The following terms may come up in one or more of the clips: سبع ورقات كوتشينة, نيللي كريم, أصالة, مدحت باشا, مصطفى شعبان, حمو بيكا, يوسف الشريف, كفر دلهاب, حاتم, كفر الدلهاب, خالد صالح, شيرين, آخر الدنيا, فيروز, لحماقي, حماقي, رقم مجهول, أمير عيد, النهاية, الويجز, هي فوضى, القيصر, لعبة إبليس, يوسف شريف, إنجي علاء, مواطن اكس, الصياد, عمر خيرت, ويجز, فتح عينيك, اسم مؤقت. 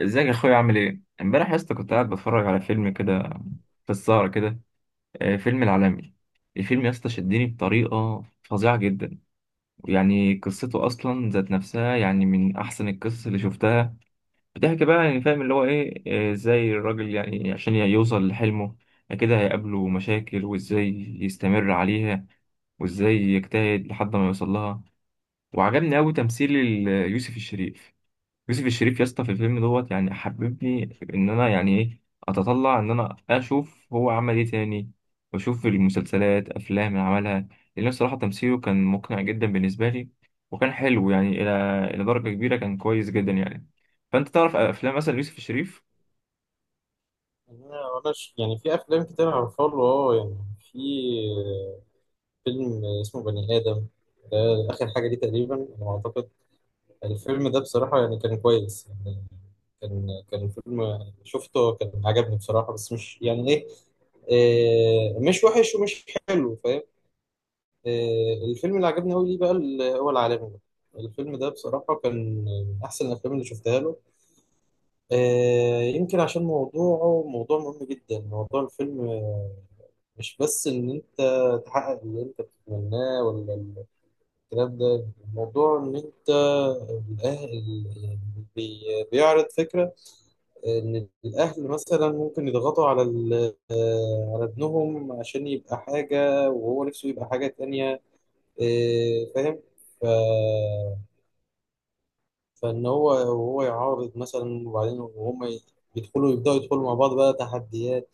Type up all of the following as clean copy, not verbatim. ازيك يا اخويا؟ عامل ايه؟ امبارح يا اسطى كنت قاعد بتفرج على فيلم كده في السهرة كده. فيلم العالمي. الفيلم يا اسطى شدني بطريقة فظيعة جدا. يعني قصته اصلا ذات نفسها يعني من احسن القصص اللي شفتها. بتحكي بقى يعني فاهم اللي هو ايه. ازاي الراجل يعني عشان يوصل لحلمه كده هيقابله مشاكل، وازاي يستمر عليها، وازاي يجتهد لحد ما يوصل لها. وعجبني قوي تمثيل يوسف الشريف. يوسف الشريف يا اسطى في الفيلم دوت يعني حببني ان انا يعني ايه اتطلع ان انا اشوف هو عمل ايه تاني، واشوف المسلسلات افلام اللي عملها. لان الصراحه تمثيله كان مقنع جدا بالنسبه لي، وكان حلو يعني الى درجه كبيره، كان كويس جدا يعني. فانت تعرف افلام مثلا يوسف الشريف؟ لا، ولاش يعني، في افلام كتير عارفها له يعني. في فيلم اسمه بني ادم ده، اخر حاجه دي تقريبا انا اعتقد. الفيلم ده بصراحه يعني كان كويس يعني. كان فيلم شفته، كان عجبني بصراحه، بس مش يعني ايه. مش وحش ومش حلو، فاهم. الفيلم اللي عجبني قوي ليه بقى، هو العالمي ده. الفيلم ده بصراحة كان من أحسن الأفلام اللي شفتها له. يمكن عشان موضوعه موضوع مهم جدا. موضوع الفيلم مش بس ان انت تحقق اللي انت بتتمناه، ولا الكلام ده. الموضوع ان انت، الاهل، يعني، بيعرض فكرة ان الاهل مثلا ممكن يضغطوا على على ابنهم عشان يبقى حاجة وهو نفسه يبقى حاجة تانية. فاهم. ف... فان هو، وهو يعارض مثلا، وبعدين وهم يبدأوا يدخلوا مع بعض بقى تحديات.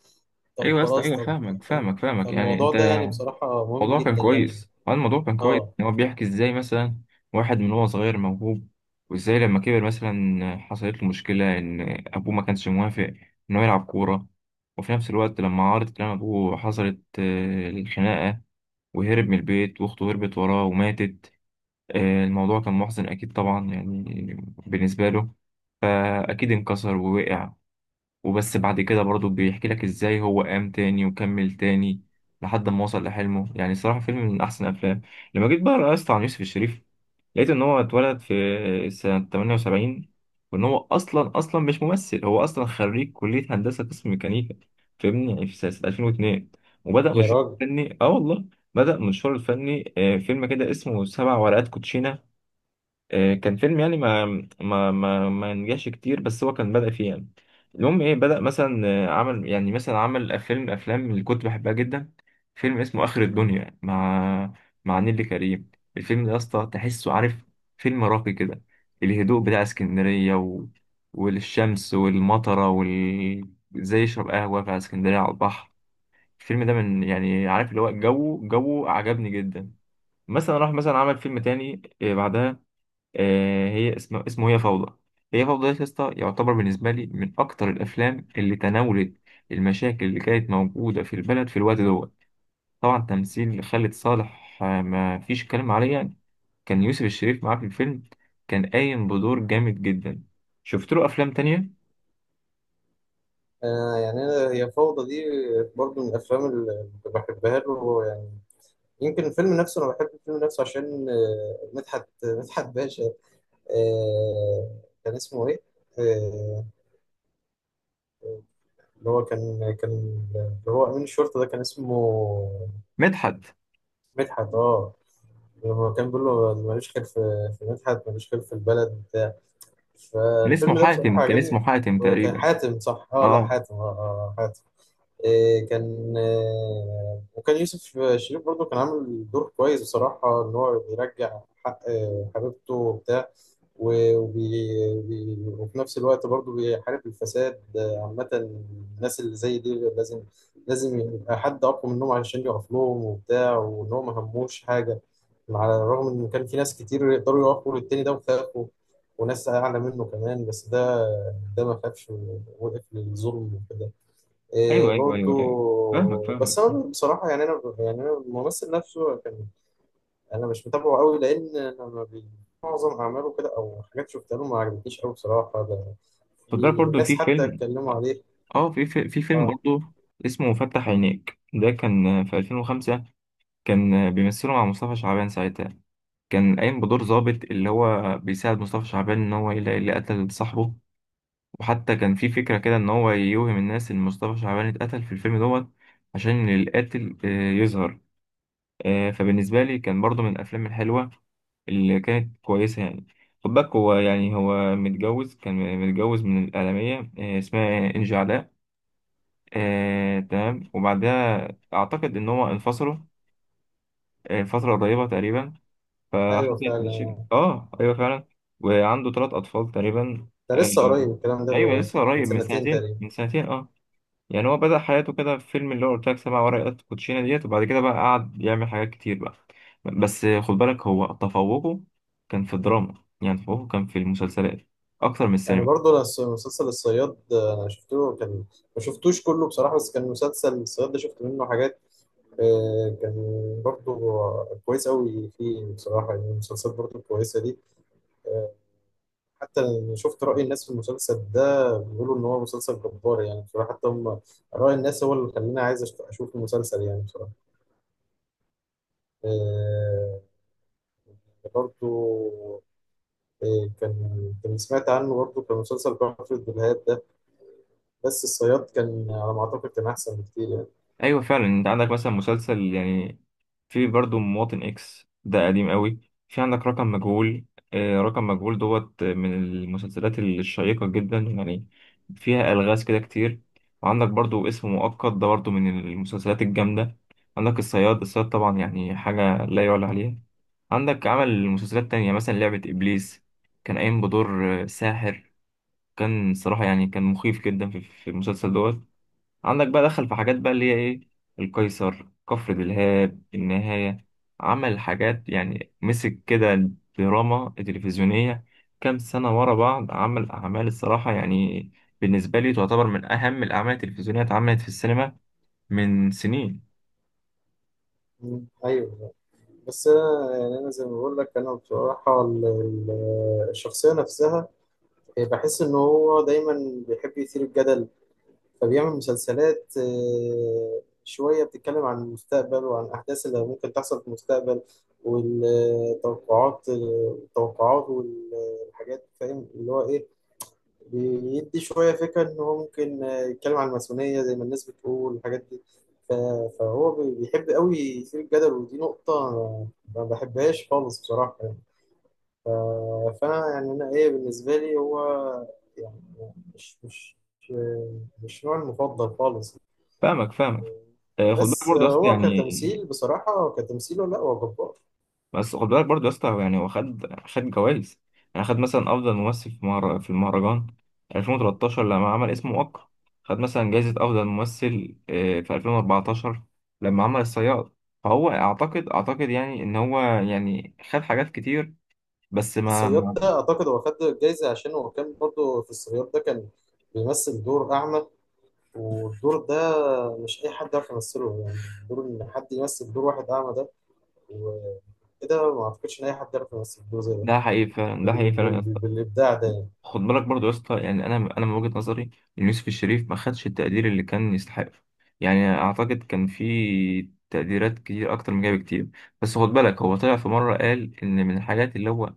طب ايوه يا اسطى، خلاص، ايوه، طب. فاهمك فاهم. فاهمك فاهمك يعني فالموضوع انت. ده يعني بصراحة مهم الموضوع كان جدا يعني. كويس، اه الموضوع كان كويس اه، ان هو بيحكي ازاي مثلا واحد من هو صغير موهوب، وازاي لما كبر مثلا حصلت له مشكلة ان ابوه ما كانش موافق ان هو يلعب كورة. وفي نفس الوقت لما عارض كلام ابوه حصلت الخناقة، وهرب من البيت، واخته هربت وراه وماتت. الموضوع كان محزن اكيد طبعا يعني بالنسبة له. فاكيد انكسر ووقع، وبس بعد كده برضه بيحكي لك ازاي هو قام تاني وكمل تاني لحد ما وصل لحلمه. يعني صراحة فيلم من أحسن الأفلام. لما جيت بقى رأست عن يوسف الشريف، لقيت إن هو اتولد في سنة 78، وإن هو أصلا مش ممثل، هو أصلا خريج كلية هندسة قسم ميكانيكا فاهمني، يعني في سنة 2002 وبدأ يا مشواره راجل. الفني. والله بدأ مشواره الفني فيلم كده اسمه سبع ورقات كوتشينة. كان فيلم يعني ما نجحش كتير، بس هو كان بدأ فيه يعني. المهم ايه، بدأ مثلا عمل يعني مثلا عمل فيلم افلام اللي كنت بحبها جدا. فيلم اسمه آخر الدنيا مع مع نيللي كريم. الفيلم ده يا اسطى تحسه عارف فيلم راقي كده. الهدوء بتاع اسكندرية والشمس والمطرة وال زي يشرب قهوة في اسكندرية على البحر. الفيلم ده من يعني عارف اللي هو جو، جو عجبني جدا. مثلا راح مثلا عمل فيلم تاني بعدها. آه، هي اسمه اسمه هي فوضى. هي فوضى ده يا اسطى يعتبر بالنسبة لي من أكتر الأفلام اللي تناولت المشاكل اللي كانت موجودة في البلد في الوقت دوت. طبعا تمثيل خالد صالح ما فيش كلام عليه يعني. كان يوسف الشريف معاه في الفيلم، كان قايم بدور جامد جدا. شفت له أفلام تانية. يعني انا، هي فوضى دي برضو من الافلام اللي بحبها له يعني. يمكن الفيلم نفسه، انا بحب الفيلم نفسه عشان، مدحت باشا. آه كان اسمه ايه؟ آه اللي هو كان كان اللي هو امين الشرطه ده كان اسمه مدحت، مدحت، اه. لما كان بيقول له ماليش خير في مدحت، ماليش خير في البلد بتاع. اللي اسمه فالفيلم ده حاتم، بصراحه كان عجبني. اسمه حاتم كان تقريبا. حاتم، صح. اه، لا اه، حاتم، اه, آه، آه، حاتم. إيه كان، وكان يوسف شريف برضه كان عامل دور كويس بصراحة، إن هو بيرجع حق حبيبته وبتاع. و- وبي وفي نفس الوقت برضه بيحارب الفساد عامة. الناس اللي زي دي لازم، يبقى حد أقوى منهم علشان يقف لهم وبتاع، وإن هو ما هموش حاجة. على الرغم إن كان في ناس كتير يقدروا يقفوا للتاني ده وخافوا، وناس أعلى منه كمان، بس ده ما خافش. ووقف للظلم وكده. إيه ايوه، فاهمك برضو. فاهمك بس انا بصراحه يعني، انا الممثل نفسه كان، انا مش متابعه قوي، لان انا ما بي- معظم اعماله كده، او حاجات شفتها له ما عجبتنيش قوي بصراحه. ده خد في بالك برضه ناس في حتى فيلم، اتكلموا عليه. اه في فيلم اه، برضه اسمه فتح عينيك، ده كان في 2005. كان بيمثله مع مصطفى شعبان ساعتها، كان قايم بدور ضابط اللي هو بيساعد مصطفى شعبان ان هو يلاقي اللي قتل صاحبه. وحتى كان في فكرة كده ان هو يوهم الناس ان مصطفى شعبان اتقتل في الفيلم دوت عشان القاتل يظهر. فبالنسبة لي كان برضو من الأفلام الحلوة اللي كانت كويسة يعني. خد بالك هو يعني هو متجوز، كان متجوز من الإعلامية اسمها إنجي علاء. تمام، وبعدها أعتقد إن هو انفصلوا فترة قريبة تقريبا. ايوه فحصلت فعلا. مشاكل أيوه فعلا. وعنده 3 أطفال تقريبا ده لسه قريب الكلام ده، أيوه لسه من قريب، من سنتين سنتين، تقريبا من سنتين يعني. هو بدأ حياته كده في فيلم اللي هو قلت لك سبع ورقات كوتشينة ديت، وبعد كده بقى قعد يعمل حاجات كتير بقى. بس خد بالك هو تفوقه كان في الدراما، يعني تفوقه كان في المسلسلات أكتر من يعني. السينما. برضو، مسلسل الصياد ده انا شفته، كان ما شفتوش كله بصراحه، بس كان مسلسل الصياد ده شفت منه حاجات. كان برضو كويس قوي فيه بصراحه يعني. المسلسلات برضو كويسه دي. آه، حتى شفت رأي الناس في المسلسل ده، بيقولوا إن هو مسلسل جبار، يعني بصراحة حتى هم، رأي الناس هو اللي خلاني عايز أشوف المسلسل يعني بصراحة. آه، برضو كان سمعت عنه، برضو كان مسلسل كفر الدلهاب ده، بس الصياد كان على ما أعتقد كان أحسن بكتير يعني. أيوة فعلا. أنت عندك مثلا مسلسل يعني، في برضو مواطن اكس، ده قديم قوي. في عندك رقم مجهول، رقم مجهول دوت من المسلسلات الشيقة جدا يعني، فيها ألغاز كده كتير. وعندك برضو اسم مؤقت، ده برضو من المسلسلات الجامدة. عندك الصياد، الصياد طبعا يعني حاجة لا يعلى عليها. عندك عمل مسلسلات تانية مثلا لعبة إبليس، كان قايم بدور ساحر. كان صراحة يعني كان مخيف جدا في المسلسل دوت. عندك بقى دخل في حاجات بقى اللي هي ايه، القيصر، كفر دلهاب، النهاية. عمل حاجات يعني مسك كده دراما تلفزيونية كام سنة ورا بعض. عمل أعمال الصراحة يعني بالنسبة لي تعتبر من أهم الأعمال التلفزيونية اتعملت في السينما من سنين. مم، أيوه. بس أنا يعني، زي ما بقول لك، أنا بصراحة الشخصية نفسها، بحس إن هو دايما بيحب يثير الجدل. فبيعمل مسلسلات شوية بتتكلم عن المستقبل وعن الأحداث اللي ممكن تحصل في المستقبل، والتوقعات، والحاجات، فاهم اللي هو إيه، بيدي شوية فكرة إن هو ممكن يتكلم عن الماسونية زي ما الناس بتقول الحاجات دي. ف- فهو بيحب قوي يثير الجدل، ودي نقطة ما بحبهاش خالص بصراحة يعني. فأنا يعني، أنا إيه بالنسبة لي، هو يعني، مش مش مش نوعي المفضل خالص. فاهمك. خد بالك بس برضه أصل هو كتمثيل يعني، بصراحة، كتمثيله، لا هو جبار. بس خد بالك برضه يا اسطى هو يعني هو خد جوائز. يعني خد مثلا افضل ممثل في في المهرجان 2013 لما عمل اسمه وقع. خد مثلا جائزة افضل ممثل في 2014 لما عمل الصياد. فهو اعتقد يعني ان هو يعني خد حاجات كتير، بس ما الصياد ما- ده أعتقد هو خد الجايزة عشان هو كان برضه في الصياد ده كان بيمثل دور أعمى، والدور ده مش أي حد يعرف يمثله يعني. دور إن حد يمثل دور واحد أعمى ده وكده، ما أعتقدش إن أي حد يعرف يمثل دور زي ده، ده حقيقي فعلا، ده حقيقي فعلا يا اسطى. بالإبداع ده يعني. خد بالك برضه يا اسطى، يعني انا من وجهة نظري ان يوسف الشريف ما خدش التقدير اللي كان يستحقه. يعني اعتقد كان في تقديرات كتير اكتر من كده بكتير. بس خد بالك هو طلع في مرة قال ان من الحاجات اللي هو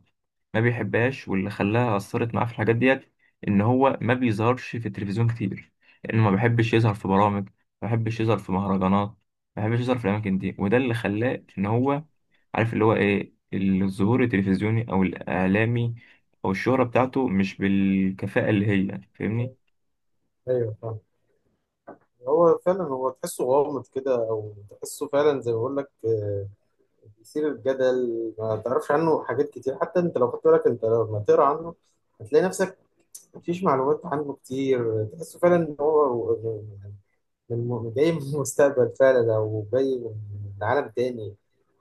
ما بيحبهاش واللي خلاها اثرت معاه في الحاجات ديت ان هو ما بيظهرش في التلفزيون كتير، لانه ما بيحبش يظهر في برامج، ما بيحبش يظهر في مهرجانات، ما بيحبش يظهر في الاماكن دي. وده اللي خلاه ان هو عارف اللي هو ايه، الظهور التلفزيوني او الاعلامي او الشهرة بتاعته مش بالكفاءة اللي هي فاهمني. أيوه فاهم. هو فعلا، تحسه غامض كده، أو تحسه فعلا زي ما بقول لك، يثير الجدل، ما تعرفش عنه حاجات كتير. حتى انت لو خدت بالك، انت لما تقرا عنه هتلاقي نفسك مفيش معلومات عنه كتير. تحسه فعلا ان هو جاي من المستقبل فعلا، او جاي من عالم تاني،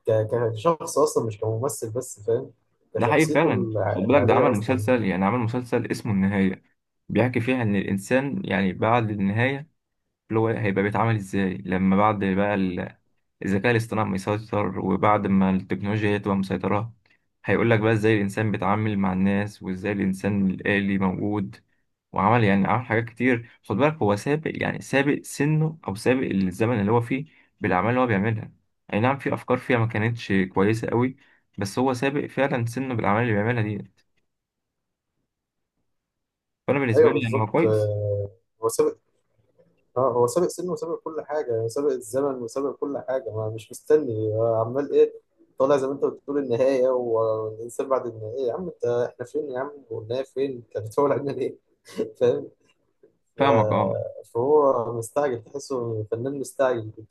كشخص اصلا مش كممثل بس، فاهم، ده حقيقي كشخصيته فعلا. خد بالك ده العادية عمل اصلا. مسلسل، يعني عمل مسلسل اسمه النهاية، بيحكي فيها ان الانسان يعني بعد النهاية اللي هو هيبقى بيتعامل ازاي لما بعد بقى الذكاء الاصطناعي مسيطر، وبعد ما التكنولوجيا هي تبقى مسيطرة. هيقول لك بقى ازاي الانسان بيتعامل مع الناس، وازاي الانسان الآلي موجود. وعمل يعني عمل حاجات كتير. خد بالك هو سابق يعني سابق سنه او سابق الزمن اللي هو فيه بالاعمال اللي هو بيعملها. اي نعم في افكار فيها ما كانتش كويسه قوي، بس هو سابق فعلا سنه بالاعمال اللي بيعملها دي. فانا بالنسبه ايوه لي يعني هو بالظبط. كويس. هو ساب اه هو سابق سنه، وسابق كل حاجة، سابق الزمن، وسابق كل حاجة. ما مش مستني عمال ايه، طالع زي ما انت بتقول، النهاية والإنسان بعد النهاية، يا عم انت، احنا فين يا عم والنهاية فين، انت بتقول علينا ليه؟ فاهم. ف- فاهمك اه. فهو مستعجل، تحسه فنان مستعجل كده.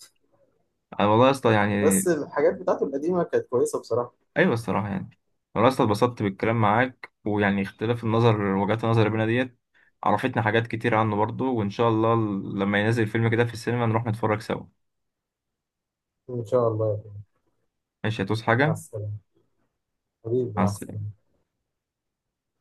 انا والله يا اسطى يعني بس الحاجات بتاعته القديمة كانت كويسة بصراحة. ايوه الصراحه يعني. والله يا اسطى اتبسطت بالكلام معاك، ويعني اختلاف وجهات النظر بينا ديت عرفتنا حاجات كتير عنه برضو. وان شاء الله لما ينزل فيلم كده في السينما نروح نتفرج سوا. إن شاء الله يعني. ماشي، هتوس مع حاجه. السلامة. حبيبي، مع مع السلامة. السلامة.